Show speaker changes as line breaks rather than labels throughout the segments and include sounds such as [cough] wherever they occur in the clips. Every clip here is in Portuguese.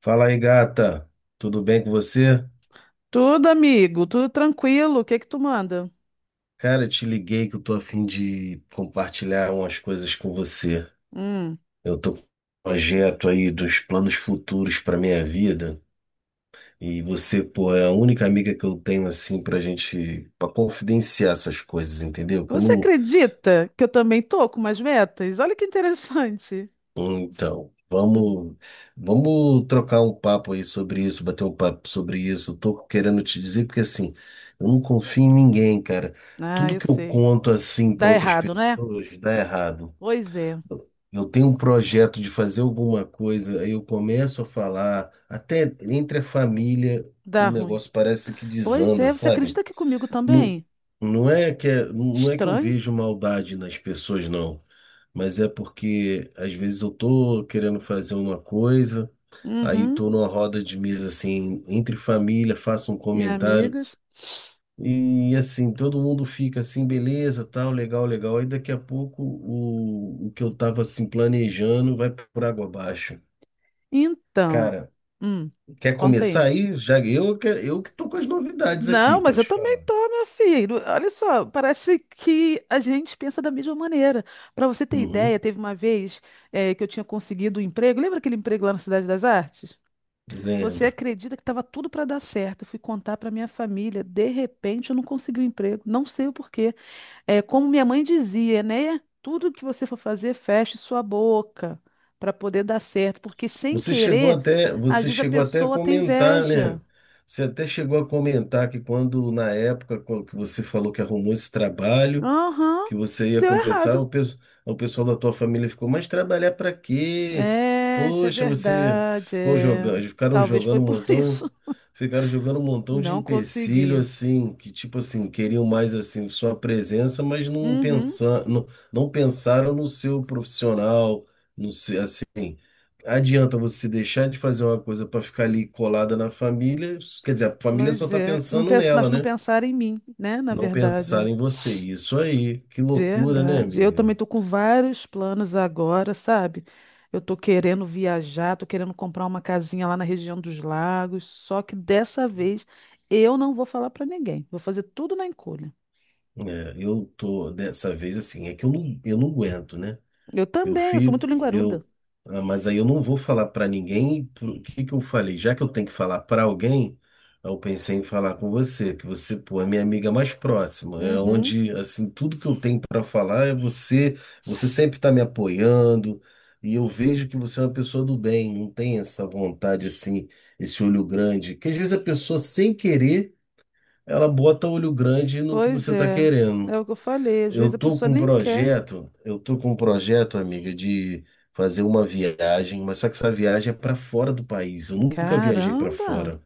Fala aí, gata. Tudo bem com você?
Tudo, amigo, tudo tranquilo. O que que tu manda?
Cara, eu te liguei que eu tô a fim de compartilhar umas coisas com você.
Hum.
Eu tô com um projeto aí dos planos futuros para minha vida e você, pô, é a única amiga que eu tenho assim pra gente, pra confidenciar essas coisas, entendeu? Que eu
Você
não...
acredita que eu também tô com umas metas? Olha que interessante.
Então,
Hum.
vamos, vamos trocar um papo aí sobre isso, bater um papo sobre isso. Eu tô querendo te dizer porque assim, eu não confio em ninguém, cara.
Ah,
Tudo
eu
que eu
sei.
conto assim para
Dá
outras
errado, né?
pessoas dá errado.
Pois é,
Eu tenho um projeto de fazer alguma coisa, aí eu começo a falar, até entre a família,
dá
o
ruim.
negócio parece que
Pois
desanda,
é, você
sabe?
acredita que comigo
Não,
também?
não é que não é que eu
Estranho?
vejo maldade nas pessoas, não, mas é porque às vezes eu tô querendo fazer uma coisa, aí
Uhum.
tô numa roda de mesa assim, entre família, faço um
E
comentário
amigas?
e assim, todo mundo fica assim, beleza, tal, legal, legal. Aí daqui a pouco o que eu tava assim planejando vai por água abaixo.
Então,
Cara,
hum,
quer
conta aí.
começar aí? Já eu, eu que tô com as novidades aqui
Não, mas
pra
eu
te
também
falar.
tô, meu filho. Olha só, parece que a gente pensa da mesma maneira. Para você ter ideia,
Uhum,
teve uma vez, que eu tinha conseguido um emprego. Lembra aquele emprego lá na Cidade das Artes? Você
lembro.
acredita que estava tudo para dar certo? Eu fui contar para minha família. De repente, eu não consegui o emprego. Não sei o porquê. É, como minha mãe dizia, né? Tudo que você for fazer, feche sua boca para poder dar certo, porque sem
Você chegou
querer,
até,
às
você
vezes a
chegou até a
pessoa tem
comentar, né?
inveja.
Você até chegou a comentar que quando, na época quando que você falou que arrumou esse trabalho,
Aham,
que você ia
deu
começar,
errado.
o pessoal da tua família ficou, mas trabalhar para quê?
É, isso é
Poxa, você
verdade.
ficou
É.
jogando, ficaram
Talvez foi
jogando um
por [laughs]
montão,
isso.
ficaram jogando um montão de
Não
empecilho
consegui.
assim, que tipo assim, queriam mais assim sua presença, mas não
Uhum,
pensar, não, não pensaram no seu profissional, no seu, assim... Adianta você deixar de fazer uma coisa para ficar ali colada na família? Quer dizer, a família só
pois
está
é. Não
pensando
penso, mas
nela,
não
né?
pensar em mim, né? Na
Não
verdade.
pensar
Ó.
em você. Isso aí. Que loucura, né,
Verdade. Eu
amiga?
também tô com vários planos agora, sabe? Eu tô querendo viajar, tô querendo comprar uma casinha lá na região dos lagos. Só que dessa vez eu não vou falar pra ninguém. Vou fazer tudo na encolha.
É, eu tô dessa vez assim, é que eu não aguento, né?
Eu
Eu
também, eu sou
fico,
muito linguaruda.
eu, mas aí eu não vou falar para ninguém. O que que eu falei? Já que eu tenho que falar para alguém, eu pensei em falar com você, que você, pô, é minha amiga mais próxima. É
Uhum,
onde, assim, tudo que eu tenho para falar é você. Você sempre está me apoiando e eu vejo que você é uma pessoa do bem. Não tem essa vontade assim, esse olho grande. Que às vezes a pessoa sem querer, ela bota olho grande no que
pois
você está
é. É
querendo.
o que eu falei. Às
Eu
vezes a
tô
pessoa
com um
nem quer.
projeto, eu tô com um projeto, amiga, de fazer uma viagem, mas só que essa viagem é para fora do país. Eu nunca viajei para
Caramba!
fora.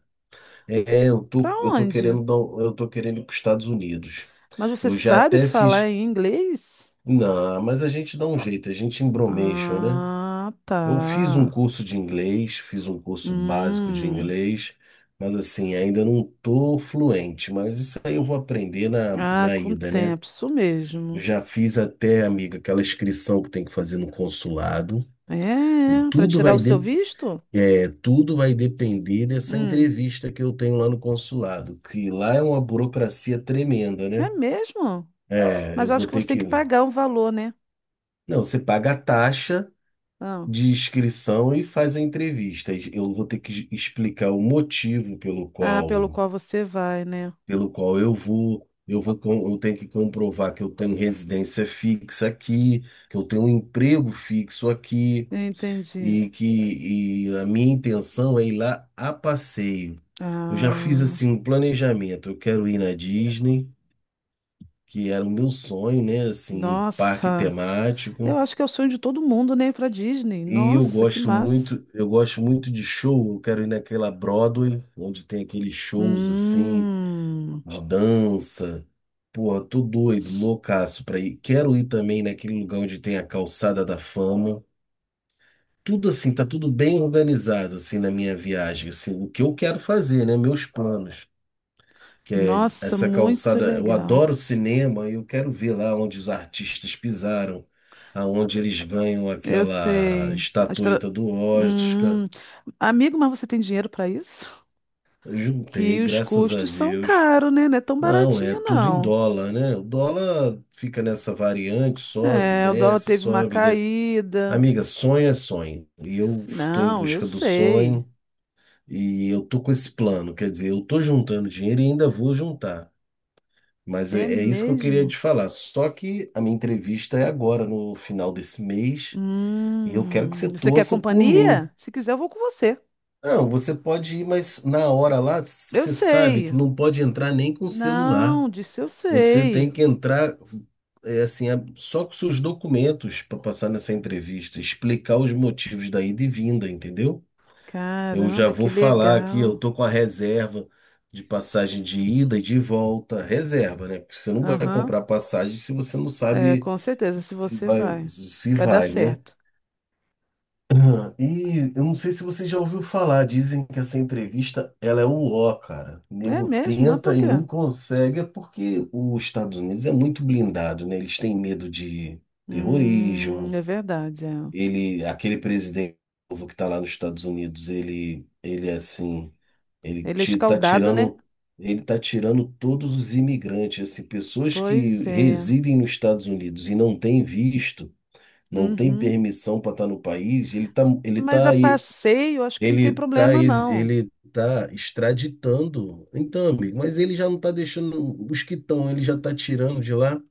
É, eu
Pra
tô, eu tô
onde?
querendo dar, eu tô querendo ir para os Estados Unidos.
Mas você
Eu já
sabe
até
falar
fiz...
em inglês?
não, mas a gente dá um jeito, a gente embromation, né?
Ah,
Eu fiz um
tá.
curso de inglês, fiz um curso básico de
Hum.
inglês, mas assim, ainda não tô fluente, mas isso aí eu vou aprender na,
Ah,
na
com o
ida, né?
tempo, isso
Eu
mesmo.
já fiz até, amiga, aquela inscrição que tem que fazer no consulado.
É, para
Tudo
tirar o
vai,
seu
de,
visto?
tudo vai depender dessa
Hum.
entrevista que eu tenho lá no consulado, que lá é uma burocracia tremenda,
É
né?
mesmo?
Ah, é,
Mas
eu
eu acho
vou
que
ter
você tem que
que...
pagar um valor, né?
Não, você paga a taxa
Ah,
de inscrição e faz a entrevista. Eu vou ter que explicar o motivo
ah, pelo qual você vai, né?
pelo qual eu vou. Eu tenho que comprovar que eu tenho residência fixa aqui, que eu tenho um emprego fixo aqui,
Eu entendi.
e que a minha intenção é ir lá a passeio. Eu já fiz
Ah,
assim um planejamento. Eu quero ir na Disney, que era o meu sonho, né? Assim, um parque
nossa.
temático.
Eu acho que é o sonho de todo mundo, né? Ir pra Disney.
E eu
Nossa, que
gosto
massa.
muito, eu gosto muito de show. Eu quero ir naquela Broadway, onde tem aqueles shows assim
Hum.
de dança. Porra, tô doido, loucaço pra ir. Quero ir também naquele lugar onde tem a Calçada da Fama. Tudo assim, tá tudo bem organizado assim na minha viagem, assim, o que eu quero fazer, né, meus planos, que é
Nossa,
essa
muito
calçada, eu
legal.
adoro cinema, e eu quero ver lá onde os artistas pisaram, aonde eles ganham
Eu
aquela
sei. Astra-
estatueta do Oscar.
Hum, amigo, mas você tem dinheiro para isso?
Eu
Que
juntei,
os
graças a
custos são
Deus.
caros, né? Não é tão
Não, é
baratinho,
tudo em
não.
dólar, né? O dólar fica nessa variante, sobe,
É, o dólar
desce,
teve uma
sobe, desce.
caída.
Amiga, sonho é sonho. E eu estou em
Não, eu
busca do
sei.
sonho. E eu tô com esse plano, quer dizer, eu tô juntando dinheiro e ainda vou juntar. Mas é
É
é isso que eu queria te
mesmo?
falar. Só que a minha entrevista é agora, no final desse mês, e eu quero que você
Você quer
torça por
companhia?
mim.
Se quiser, eu vou com você.
Não, você pode ir, mas na hora lá,
Eu
você sabe
sei.
que não pode entrar nem com o
Não,
celular.
disse eu
Você
sei.
tem que entrar, é assim, só com seus documentos para passar nessa entrevista, explicar os motivos da ida e vinda, entendeu? Eu já
Caramba, que
vou falar aqui, eu
legal.
tô com a reserva de passagem de ida e de volta, reserva, né? Porque você não vai
Aham.
comprar passagem se você não
É,
sabe
com certeza, se
se
você
vai,
vai.
se
Vai dar
vai, né?
certo.
[clears throat] E eu não sei se você já ouviu falar, dizem que essa entrevista, ela é o ó, cara. O
É
nego
mesmo? Mas
tenta
por
e
quê?
não consegue, é porque os Estados Unidos é muito blindado, né? Eles têm medo de terrorismo.
É verdade. É.
Ele, aquele presidente novo que está lá nos Estados Unidos, ele é assim, ele
Ele é
tá
escaldado, né?
tirando, ele tá tirando todos os imigrantes, assim, pessoas que
Pois é.
residem nos Estados Unidos e não têm visto, não têm
Uhum.
permissão para estar no país,
Mas a passeio, acho que não tem problema, não.
ele tá extraditando. Então, amigo, mas ele já não tá deixando os que estão, ele já tá tirando de lá.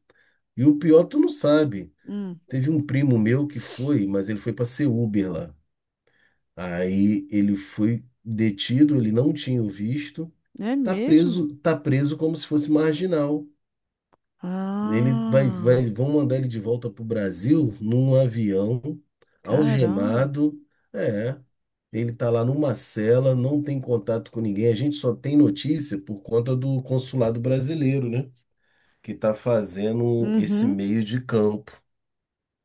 E o pior, tu não sabe.
Hum,
Teve um primo meu que foi, mas ele foi para ser Uber lá. Aí ele foi detido, ele não tinha o visto,
é mesmo?
tá preso como se fosse marginal. Ele
Ah,
vão mandar ele de volta para o Brasil num avião,
caramba.
algemado. É, ele tá lá numa cela, não tem contato com ninguém. A gente só tem notícia por conta do consulado brasileiro, né? Que tá fazendo esse
Uhum.
meio de campo.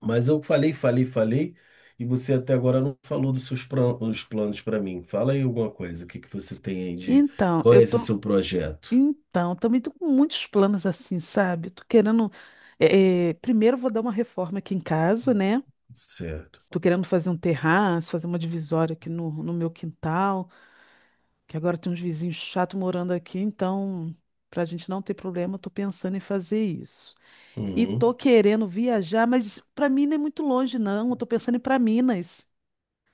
Mas eu falei, falei, falei, e você até agora não falou dos seus os planos para mim. Fala aí alguma coisa, o que que você tem aí de...
Então,
Qual
eu
é esse
tô.
seu projeto?
Então, também tô com muitos planos assim, sabe? Tô querendo. Primeiro, eu vou dar uma reforma aqui em casa, né?
Certo.
Tô querendo fazer um terraço, fazer uma divisória aqui no meu quintal, que agora tem uns vizinhos chatos morando aqui, então, pra gente não ter problema, eu tô pensando em fazer isso. E tô
Uhum.
querendo viajar, mas pra mim não é muito longe, não. Eu tô pensando em ir pra Minas,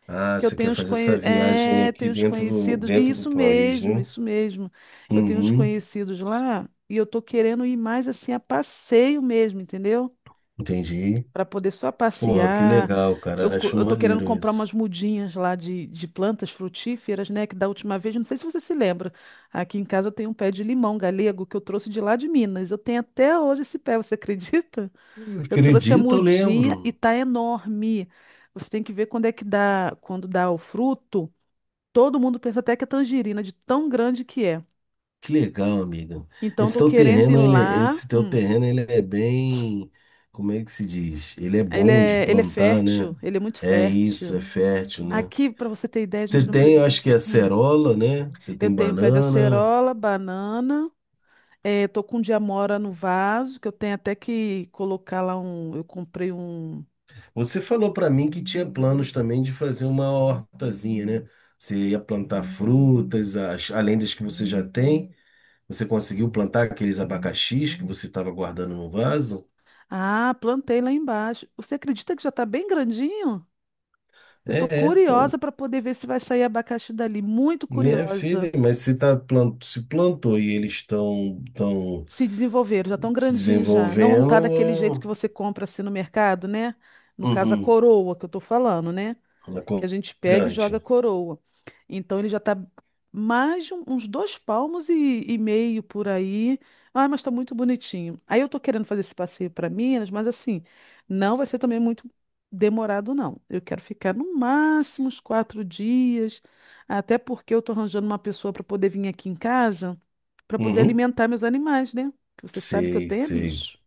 Ah,
que eu
você
tenho
quer
uns,
fazer essa
conhe...
viagem
é,
aqui
tenho uns
dentro do,
conhecidos. E
dentro do
isso
ProRiz,
mesmo,
né?
isso mesmo. Eu tenho uns
Uhum.
conhecidos lá e eu tô querendo ir mais assim a passeio mesmo, entendeu?
Entendi.
Para poder só
Porra, que
passear.
legal, cara. Acho
Eu tô querendo
maneiro
comprar
isso.
umas mudinhas lá de plantas frutíferas, né? Que da última vez, não sei se você se lembra, aqui em casa eu tenho um pé de limão galego que eu trouxe de lá de Minas. Eu tenho até hoje esse pé, você [laughs] acredita? Eu trouxe a
Acredito, eu
mudinha e
lembro.
tá enorme. Você tem que ver quando é que dá, quando dá o fruto. Todo mundo pensa até que é tangerina, de tão grande que é.
Que legal, amiga.
Então, eu
Esse
tô
teu
querendo ir
terreno, ele,
lá.
esse teu terreno, ele é bem, como é que se diz? Ele é bom de
Ele é
plantar, né?
fértil, ele é muito
É isso,
fértil.
é fértil, né?
Aqui, para você ter ideia, a
Você
gente não
tem, eu
precisa.
acho que é
Hum.
acerola, né? Você
Eu
tem
tenho pé de
banana.
acerola, banana. Tô com diamora no vaso, que eu tenho até que colocar lá um. Eu comprei um.
Você falou para mim que tinha planos também de fazer uma hortazinha, né? Você ia plantar frutas, além das que você já tem. Você conseguiu plantar aqueles abacaxis que você estava guardando no vaso?
Ah, plantei lá embaixo. Você acredita que já tá bem grandinho? Eu tô
É, é,
curiosa para poder ver se vai sair abacaxi dali. Muito
minha
curiosa.
filha, mas se, se plantou e eles estão tão tão
Se desenvolveram, já tão
se
grandinhos já. Não
desenvolvendo,
tá daquele jeito que
é...
você compra assim no mercado, né? No caso, a
Uhum,
coroa que eu tô falando, né?
ela
Que a gente pega e
é
joga
gigante.
coroa. Então ele já está uns dois palmos e meio por aí. Ah, mas está muito bonitinho. Aí eu estou querendo fazer esse passeio para Minas, mas assim, não vai ser também muito demorado, não. Eu quero ficar no máximo uns 4 dias, até porque eu estou arranjando uma pessoa para poder vir aqui em casa, para poder
Uhum,
alimentar meus animais, né? Que você sabe que eu
sei,
tenho é
sei.
bicho.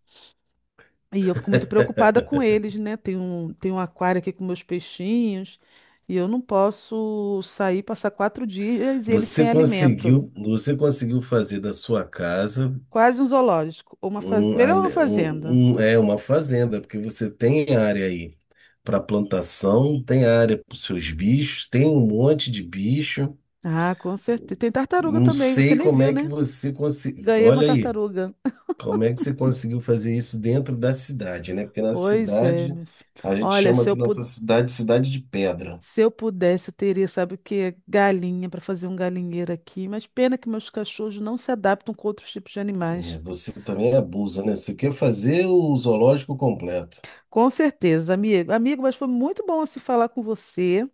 E eu fico muito preocupada com eles, né? Tem um aquário aqui com meus peixinhos e eu não posso sair, passar 4 dias e eles sem alimento.
Você conseguiu fazer da sua casa...
Quase um zoológico. Ou uma faz... Melhor uma fazenda.
É uma fazenda, porque você tem área aí para plantação, tem área para os seus bichos, tem um monte de bicho.
Ah, com certeza. Tem tartaruga
Não
também, você
sei
nem
como
viu,
é que
né?
você conseguiu.
Ganhei uma
Olha aí,
tartaruga.
como é que você conseguiu fazer isso dentro da cidade, né? Porque na
Pois é,
cidade,
meu filho.
a gente
Olha,
chama aqui nossa cidade, cidade de pedra.
se eu pudesse, eu teria, sabe o quê? Galinha para fazer um galinheiro aqui. Mas pena que meus cachorros não se adaptam com outros tipos de
Né?
animais.
Você também abusa, né? Você quer fazer o zoológico completo.
Com certeza, amigo. Amigo, mas foi muito bom se falar com você.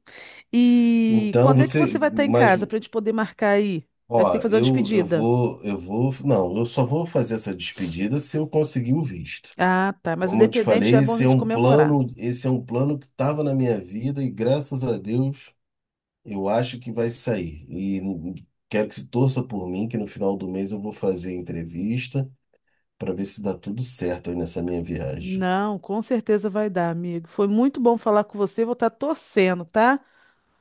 E
Então
quando é que
você,
você vai estar em
mas...
casa para a gente poder marcar aí? A
ó,
gente tem que fazer uma
eu, eu
despedida.
vou, eu vou, não, eu só vou fazer essa despedida se eu conseguir o visto.
Ah, tá. Mas
Como eu te
independente, já
falei,
é bom a
esse é
gente
um
comemorar.
plano, esse é um plano que estava na minha vida e graças a Deus eu acho que vai sair. E quero que se torça por mim, que no final do mês eu vou fazer a entrevista para ver se dá tudo certo aí nessa minha viagem.
Não, com certeza vai dar, amigo. Foi muito bom falar com você. Vou estar torcendo, tá?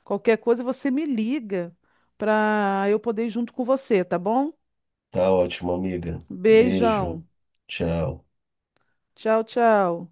Qualquer coisa você me liga para eu poder ir junto com você, tá bom?
Tá ótimo, amiga.
Beijão.
Beijo. Tchau.
Tchau, tchau.